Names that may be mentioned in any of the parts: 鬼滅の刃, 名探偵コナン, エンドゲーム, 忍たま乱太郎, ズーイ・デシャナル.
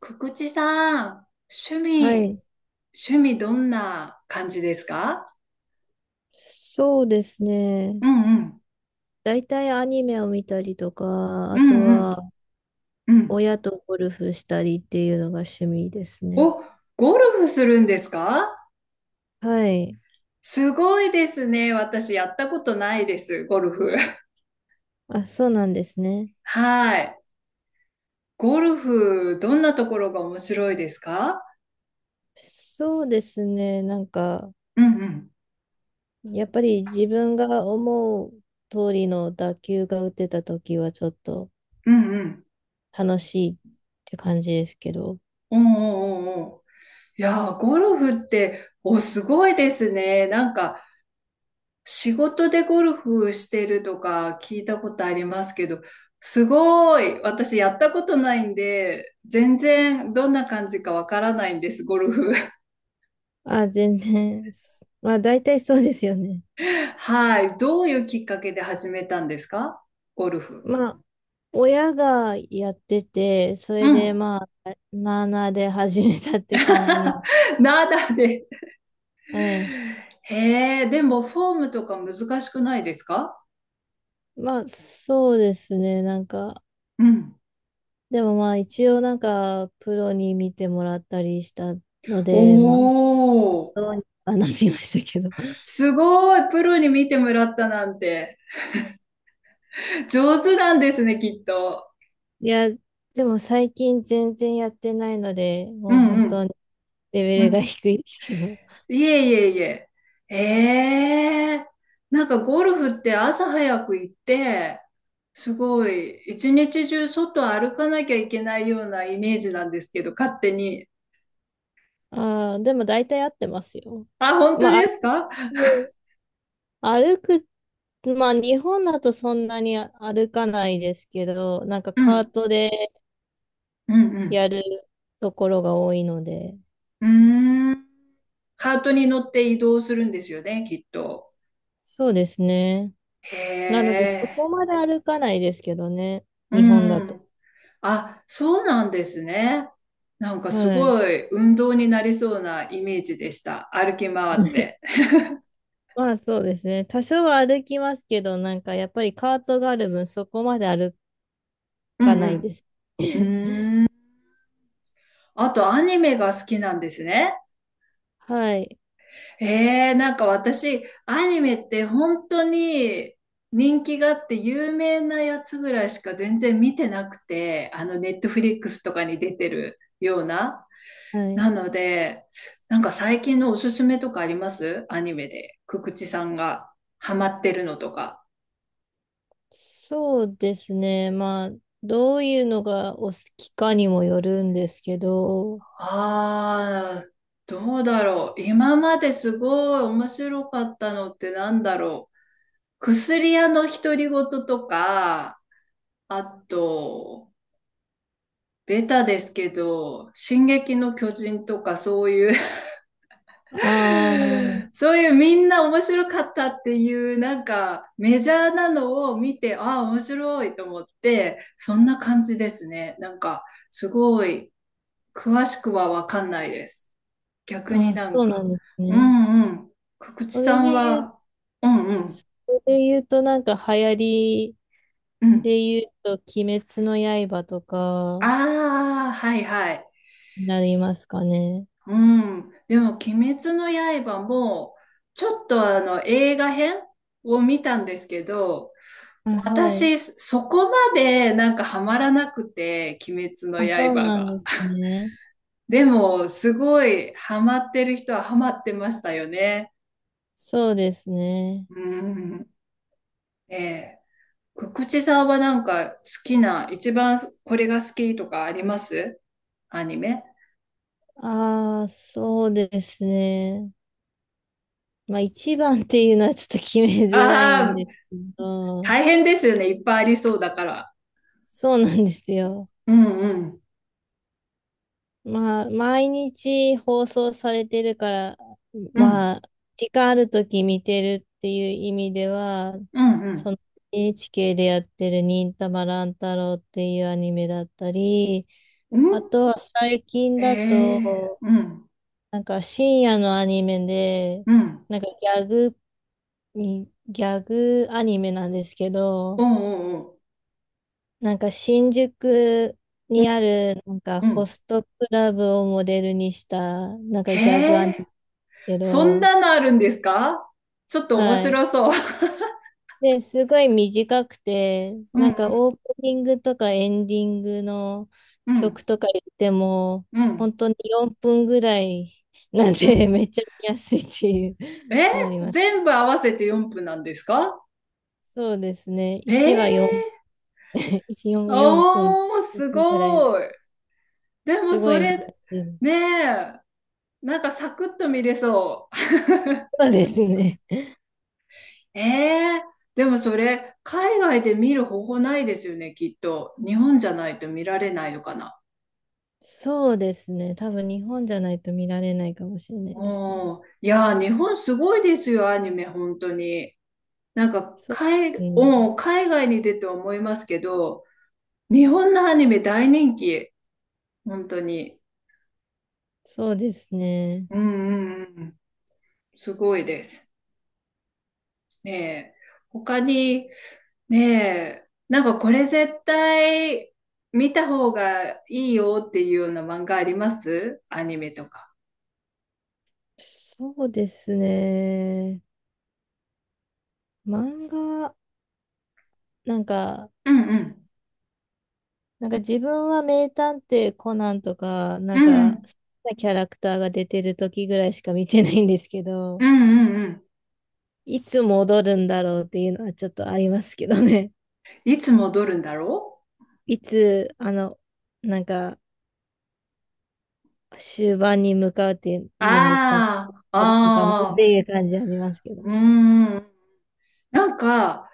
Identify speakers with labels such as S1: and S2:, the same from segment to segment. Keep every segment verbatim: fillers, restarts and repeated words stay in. S1: くくちさん、趣
S2: は
S1: 味、
S2: い。
S1: 趣味どんな感じですか？
S2: そうですね。
S1: うんうん、
S2: 大体アニメを見たりとか、
S1: う
S2: あと
S1: んうん、
S2: は
S1: うん。
S2: 親とゴルフしたりっていうのが趣味ですね。
S1: お、ゴルフするんですか？
S2: はい。
S1: すごいですね。私やったことないです、ゴルフ。
S2: あ、そうなんですね。
S1: はい。ゴルフ、どんなところが面白いですか？
S2: そうですね。なんか、
S1: うんうん、
S2: やっぱり自分が思う通りの打球が打てた時はちょっと
S1: うんうん。
S2: 楽しいって感じですけど。
S1: おーおーおーおー。いやー、ゴルフって、お、すごいですね。なんか、仕事でゴルフしてるとか聞いたことありますけど、すごい、私やったことないんで、全然どんな感じかわからないんです、ゴルフ。
S2: あ、全然。まあ大体そうですよね。
S1: はい。どういうきっかけで始めたんですか、ゴルフ。
S2: まあ、親がやってて、それ
S1: う
S2: で
S1: ん。
S2: まあ、なあなあで始めたって感じなの。
S1: ナダで。
S2: はい。
S1: へえ、でもフォームとか難しくないですか？
S2: まあ、そうですね。なんか、
S1: うん。
S2: でもまあ、一応なんか、プロに見てもらったりしたの
S1: お
S2: で、まあ、
S1: ー、
S2: どうにかなりましたけど。
S1: すごい、プロに見てもらったなんて、上手なんですね、きっと。
S2: いや、でも最近全然やってないので、
S1: う
S2: もう
S1: ん
S2: 本
S1: う
S2: 当
S1: ん。
S2: にレ
S1: う
S2: ベルが
S1: ん。
S2: 低いですけど。
S1: いえいえいえ。ええ、なんかゴルフって朝早く行って、すごい、一日中外歩かなきゃいけないようなイメージなんですけど、勝手に。
S2: ああ、でも大体合ってますよ。
S1: あ、本当
S2: まあ、
S1: ですか？
S2: 歩く、歩くまあ、日本だとそんなに歩かないですけど、なんか
S1: う
S2: カー
S1: ん、
S2: トで
S1: うん、
S2: やるところが多いので、
S1: うん。うーん。カートに乗って移動するんですよね、きっと。
S2: そうですね。
S1: へ
S2: なので、そ
S1: え、
S2: こまで歩かないですけどね、
S1: う
S2: 日本だと。
S1: ん。あ、そうなんですね。なんかす
S2: はい。
S1: ごい運動になりそうなイメージでした。歩き回って。
S2: まあ、そうですね。多少は歩きますけど、なんかやっぱりカートがある分、そこまで歩
S1: う
S2: か
S1: ん
S2: な
S1: う
S2: い
S1: ん。
S2: です。
S1: う ーん。あと、アニメが好きなんですね。
S2: はい。
S1: えー、なんか私、アニメって本当に人気があって有名なやつぐらいしか全然見てなくて、あの、ネットフリックスとかに出てるような。
S2: は
S1: な
S2: い。
S1: ので、なんか最近のおすすめとかありますアニメで。くくちさんがハマってるのとか。
S2: そうですね。まあ、どういうのがお好きかにもよるんですけど、
S1: ああ、どうだろう。今まですごい面白かったのってなんだろう。薬屋の独り言とか、あと、ベタですけど、進撃の巨人とかそういう
S2: ああ、
S1: そういうみんな面白かったっていう、なんかメジャーなのを見て、ああ、面白いと思って、そんな感じですね。なんか、すごい、詳しくはわかんないです。逆に
S2: あ、
S1: なん
S2: そうな
S1: か、
S2: んです
S1: う
S2: ね。
S1: んうん、くくち
S2: そ
S1: さ
S2: れで
S1: ん
S2: 言う、
S1: は、うんうん、
S2: それで言うと、なんか流行り
S1: う
S2: で
S1: ん。
S2: 言うと、鬼滅の刃とか
S1: ああ、はいはい。
S2: になりますかね。
S1: うん。でも、鬼滅の刃も、ちょっとあの、映画編を見たんですけど、
S2: あ、はい。
S1: 私、そこまでなんかハマらなくて、鬼滅の
S2: あ、そう
S1: 刃
S2: なん
S1: が。
S2: ですね。
S1: でも、すごいハマってる人はハマってましたよね。
S2: そうですね。
S1: うん。ええ。くくちさんはなんか好きな、一番これが好きとかありますアニメ。
S2: ああ、そうですね。まあ、一番っていうのはちょっと決めづらいん
S1: あ
S2: です
S1: あ、
S2: けど、
S1: 大変ですよね。いっぱいありそうだから。
S2: そうなんですよ。
S1: うんうん。
S2: まあ、毎日放送されてるから、
S1: うん。
S2: まあ、時間あるとき見てるっていう意味では、
S1: うんう
S2: そ
S1: ん。
S2: の エヌエイチケー でやってる忍たま乱太郎っていうアニメだったり、
S1: う
S2: あ
S1: ん。
S2: とは最近
S1: へ
S2: だ
S1: え、
S2: と、
S1: うん、
S2: なんか深夜のアニメで、
S1: うん、
S2: なんかギャグに、ギャグアニメなんですけ
S1: う
S2: ど、
S1: ん、うん、うん、
S2: なんか新宿
S1: うん。
S2: にあるなんかホストクラブをモデルにしたなんか
S1: へ
S2: ギャグアニ
S1: え、
S2: メけ
S1: そん
S2: ど、
S1: なのあるんですか？ちょっと面
S2: はい。
S1: 白そう。
S2: で、すごい短くて、
S1: う
S2: なんか
S1: ん、
S2: オープニングとかエンディングの
S1: うん、う
S2: 曲
S1: ん、
S2: とか言っても、
S1: う
S2: 本
S1: ん、
S2: 当によんぷんぐらいなん
S1: う
S2: で、
S1: ん。
S2: めっちゃ見やすいっていう
S1: え、
S2: のはあります。
S1: 全部合わせてよんぷんなんですか？
S2: そうですね。
S1: え
S2: 1話4、
S1: え、
S2: 1、よんぷん、
S1: おー、す
S2: 分ぐらいの、
S1: ごい。でも
S2: すご
S1: そ
S2: い見や
S1: れ、
S2: すい。
S1: ねえ、なんかサクッと見れそう。
S2: そうですね。
S1: ええ、でもそれ、海外で見る方法ないですよね、きっと。日本じゃないと見られないのかな。
S2: そうですね。多分日本じゃないと見られないかもしれないですね。
S1: おーいやー、日本すごいですよ、アニメ、本当に。なんか、
S2: そう、
S1: 海、
S2: うん、
S1: おー海外に出て思いますけど、日本のアニメ大人気、本当に。
S2: そうですね。
S1: うんうんうん、すごいです。ねえ。他に、ねえ、なんかこれ絶対見た方がいいよっていうような漫画ありますアニメとか。
S2: そうですね。漫画、なんか、
S1: うんうん。
S2: なんか自分は名探偵コナンとか、
S1: う
S2: なん
S1: んう
S2: か、
S1: ん。
S2: 好きなキャラクターが出てる時ぐらいしか見てないんですけど、
S1: うんうんうん。
S2: いつ戻るんだろうっていうのはちょっとありますけどね。
S1: いつ戻るんだろ
S2: いつ、あの、なんか、終盤に向かうって
S1: う。
S2: いうんですかね。
S1: あ
S2: あるのかなっ
S1: あ、あ
S2: て
S1: ー、
S2: いう感じありますけど
S1: うー
S2: ね。
S1: ん。なんか、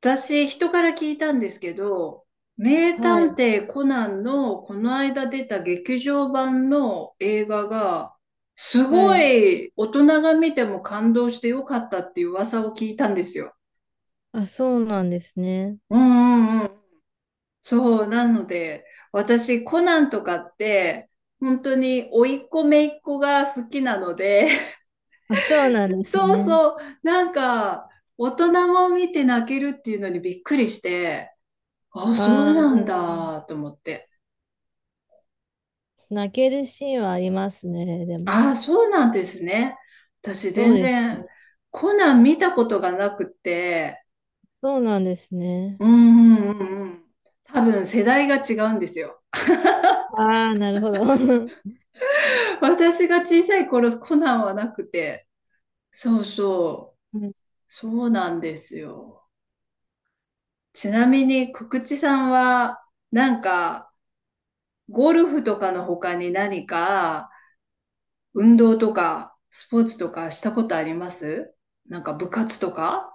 S1: 私、人から聞いたんですけど、名
S2: は
S1: 探
S2: い。
S1: 偵コナンのこの間出た劇場版の映画が、す
S2: は
S1: ご
S2: い。
S1: い大人が見ても感動してよかったっていう噂を聞いたんですよ。
S2: あ、そうなんですね。
S1: うんうんうん。そう、なので、私、コナンとかって、本当に甥っ子姪っ子が好きなので、
S2: あ、そうなんです
S1: そう
S2: ね。
S1: そう、なんか、大人も見て泣けるっていうのにびっくりして、あ、そう
S2: ああ、
S1: な
S2: で
S1: ん
S2: も、
S1: だと思って。
S2: 泣けるシーンはありますね。で
S1: あ
S2: も。
S1: あ、そうなんですね。私
S2: そう
S1: 全
S2: です
S1: 然
S2: ね。
S1: コナン見たことがなくて、
S2: そうなんですね。
S1: うんうんうんうん。多分世代が違うんですよ。
S2: ああ、なるほど。
S1: 私が小さい頃コナンはなくて、そうそう、
S2: うん
S1: そうなんですよ。ちなみに、くくちさんは、なんか、ゴルフとかの他に何か、運動とか、スポーツとかしたことありますなんか部活とか。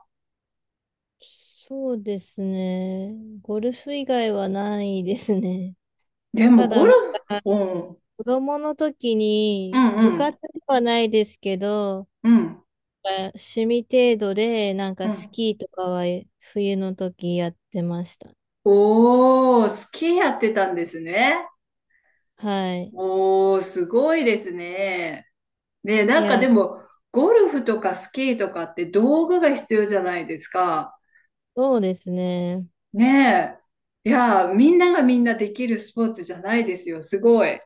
S2: そうですね。ゴルフ以外はないですね。
S1: でも
S2: た
S1: ゴ
S2: だ、な
S1: ル
S2: ん
S1: フ、
S2: か、
S1: うん、
S2: 子供の時
S1: う
S2: に、
S1: ん
S2: 部
S1: う
S2: 活
S1: ん、
S2: ではないですけど、
S1: うん、
S2: 趣味程度で、なん
S1: う
S2: かス
S1: ん。
S2: キーとかは冬の時やってました。
S1: おー、スキーやってたんですね。
S2: はい。
S1: おー、すごいですね。ね、
S2: い
S1: なんか
S2: や、
S1: でも、ゴルフとかスキーとかって道具が必要じゃないですか。
S2: そうですね。
S1: ねえ。いやー、みんながみんなできるスポーツじゃないですよ。すごい。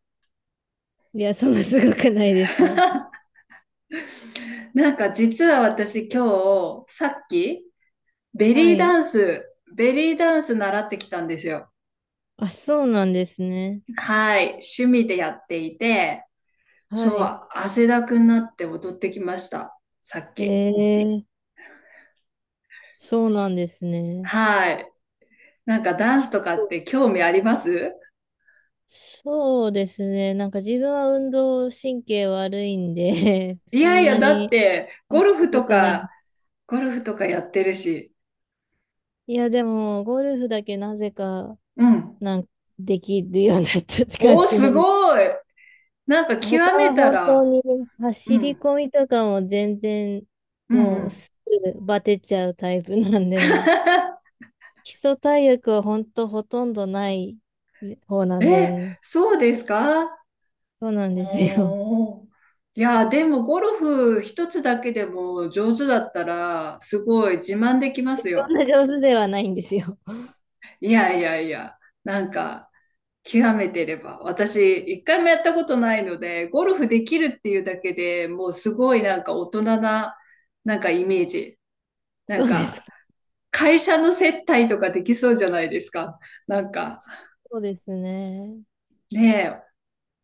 S2: いや、そんなすごくないですよ。
S1: なんか実は私今日、さっき、ベ
S2: は
S1: リーダ
S2: い。
S1: ンス、ベリーダンス習ってきたんですよ。
S2: あ、そうなんですね。
S1: はい。趣味でやっていて、
S2: は
S1: そ
S2: い。
S1: う、汗だくになって踊ってきました。さっ
S2: え
S1: き。
S2: ー、そうなんですね。
S1: はい。なんかダンスとかって興味あります？
S2: そうですね。なんか自分は運動神経悪いんで
S1: い
S2: そ
S1: やい
S2: ん
S1: や、
S2: な
S1: だっ
S2: に
S1: て、
S2: や
S1: ゴ
S2: っ
S1: ル
S2: た
S1: フ
S2: こ
S1: と
S2: とない。
S1: か、ゴルフとかやってるし。
S2: いや、でも、ゴルフだけなぜか、
S1: うん。
S2: なんかできるようになったって感
S1: おー、
S2: じ
S1: す
S2: なんで
S1: ごい。なんか極
S2: 他
S1: め
S2: は
S1: た
S2: 本当
S1: ら、
S2: に
S1: う
S2: 走り
S1: ん、
S2: 込みとかも全然
S1: うん、う
S2: もう
S1: ん。
S2: すぐバテちゃうタイプなんで、基礎体力は本当ほとんどない方なん
S1: え、
S2: で、
S1: そうですか？
S2: そうなんですよ。
S1: おー。いや、でもゴルフ一つだけでも上手だったら、すごい自慢できます
S2: そん
S1: よ。
S2: な上手ではないんですよ。
S1: いやいやいや、なんか、極めてれば。私、一回もやったことないので、ゴルフできるっていうだけでもうすごいなんか大人な、なんかイメージ。な
S2: そ
S1: ん
S2: うです
S1: か、
S2: か。
S1: 会社の接待とかできそうじゃないですか。なんか、
S2: そうですね。
S1: ねえ、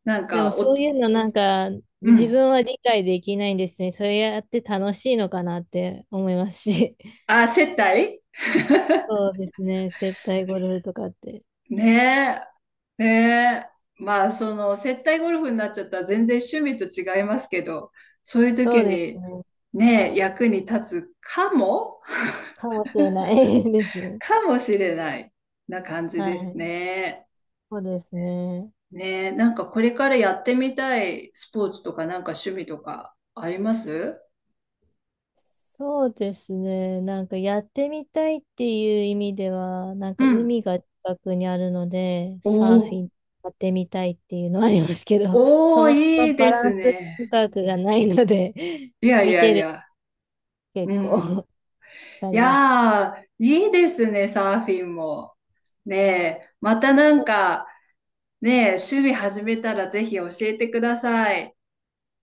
S1: なん
S2: でも
S1: か、お、
S2: そういうのなんか
S1: う
S2: 自
S1: ん。
S2: 分は理解できないんですね。それやって楽しいのかなって思いますし。
S1: あ、接待
S2: そうですね。接待ゴルフとかって。
S1: ねえ、ねえ。まあ、その、接待ゴルフになっちゃったら全然趣味と違いますけど、そういう
S2: そ
S1: 時
S2: うです
S1: に、
S2: ね。
S1: ねえ、役に立つかも
S2: かもしれない ですね。
S1: かもしれないな感じ
S2: は
S1: です
S2: い、
S1: ね。
S2: そうですね。
S1: ねえ、なんかこれからやってみたいスポーツとかなんか趣味とかあります
S2: そうですね。なんかやってみたいっていう意味では、なん
S1: う
S2: か
S1: ん。
S2: 海が近くにあるので、
S1: お
S2: サーフ
S1: ー、
S2: ィンやってみたいっていうのはありますけど、そ
S1: おー、
S2: もそも
S1: いいで
S2: バラ
S1: す
S2: ンス
S1: ね。
S2: 感覚がないので、
S1: いやい
S2: 見
S1: や
S2: て
S1: い
S2: る
S1: や。う
S2: 結
S1: ん。
S2: 構
S1: い
S2: 感じです。
S1: やー、いいですね、サーフィンも。ねえ、またな
S2: そ
S1: ん
S2: う
S1: か、ねえ、趣味始めたらぜひ教えてください。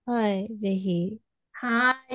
S2: はい、ぜひ。
S1: はーい。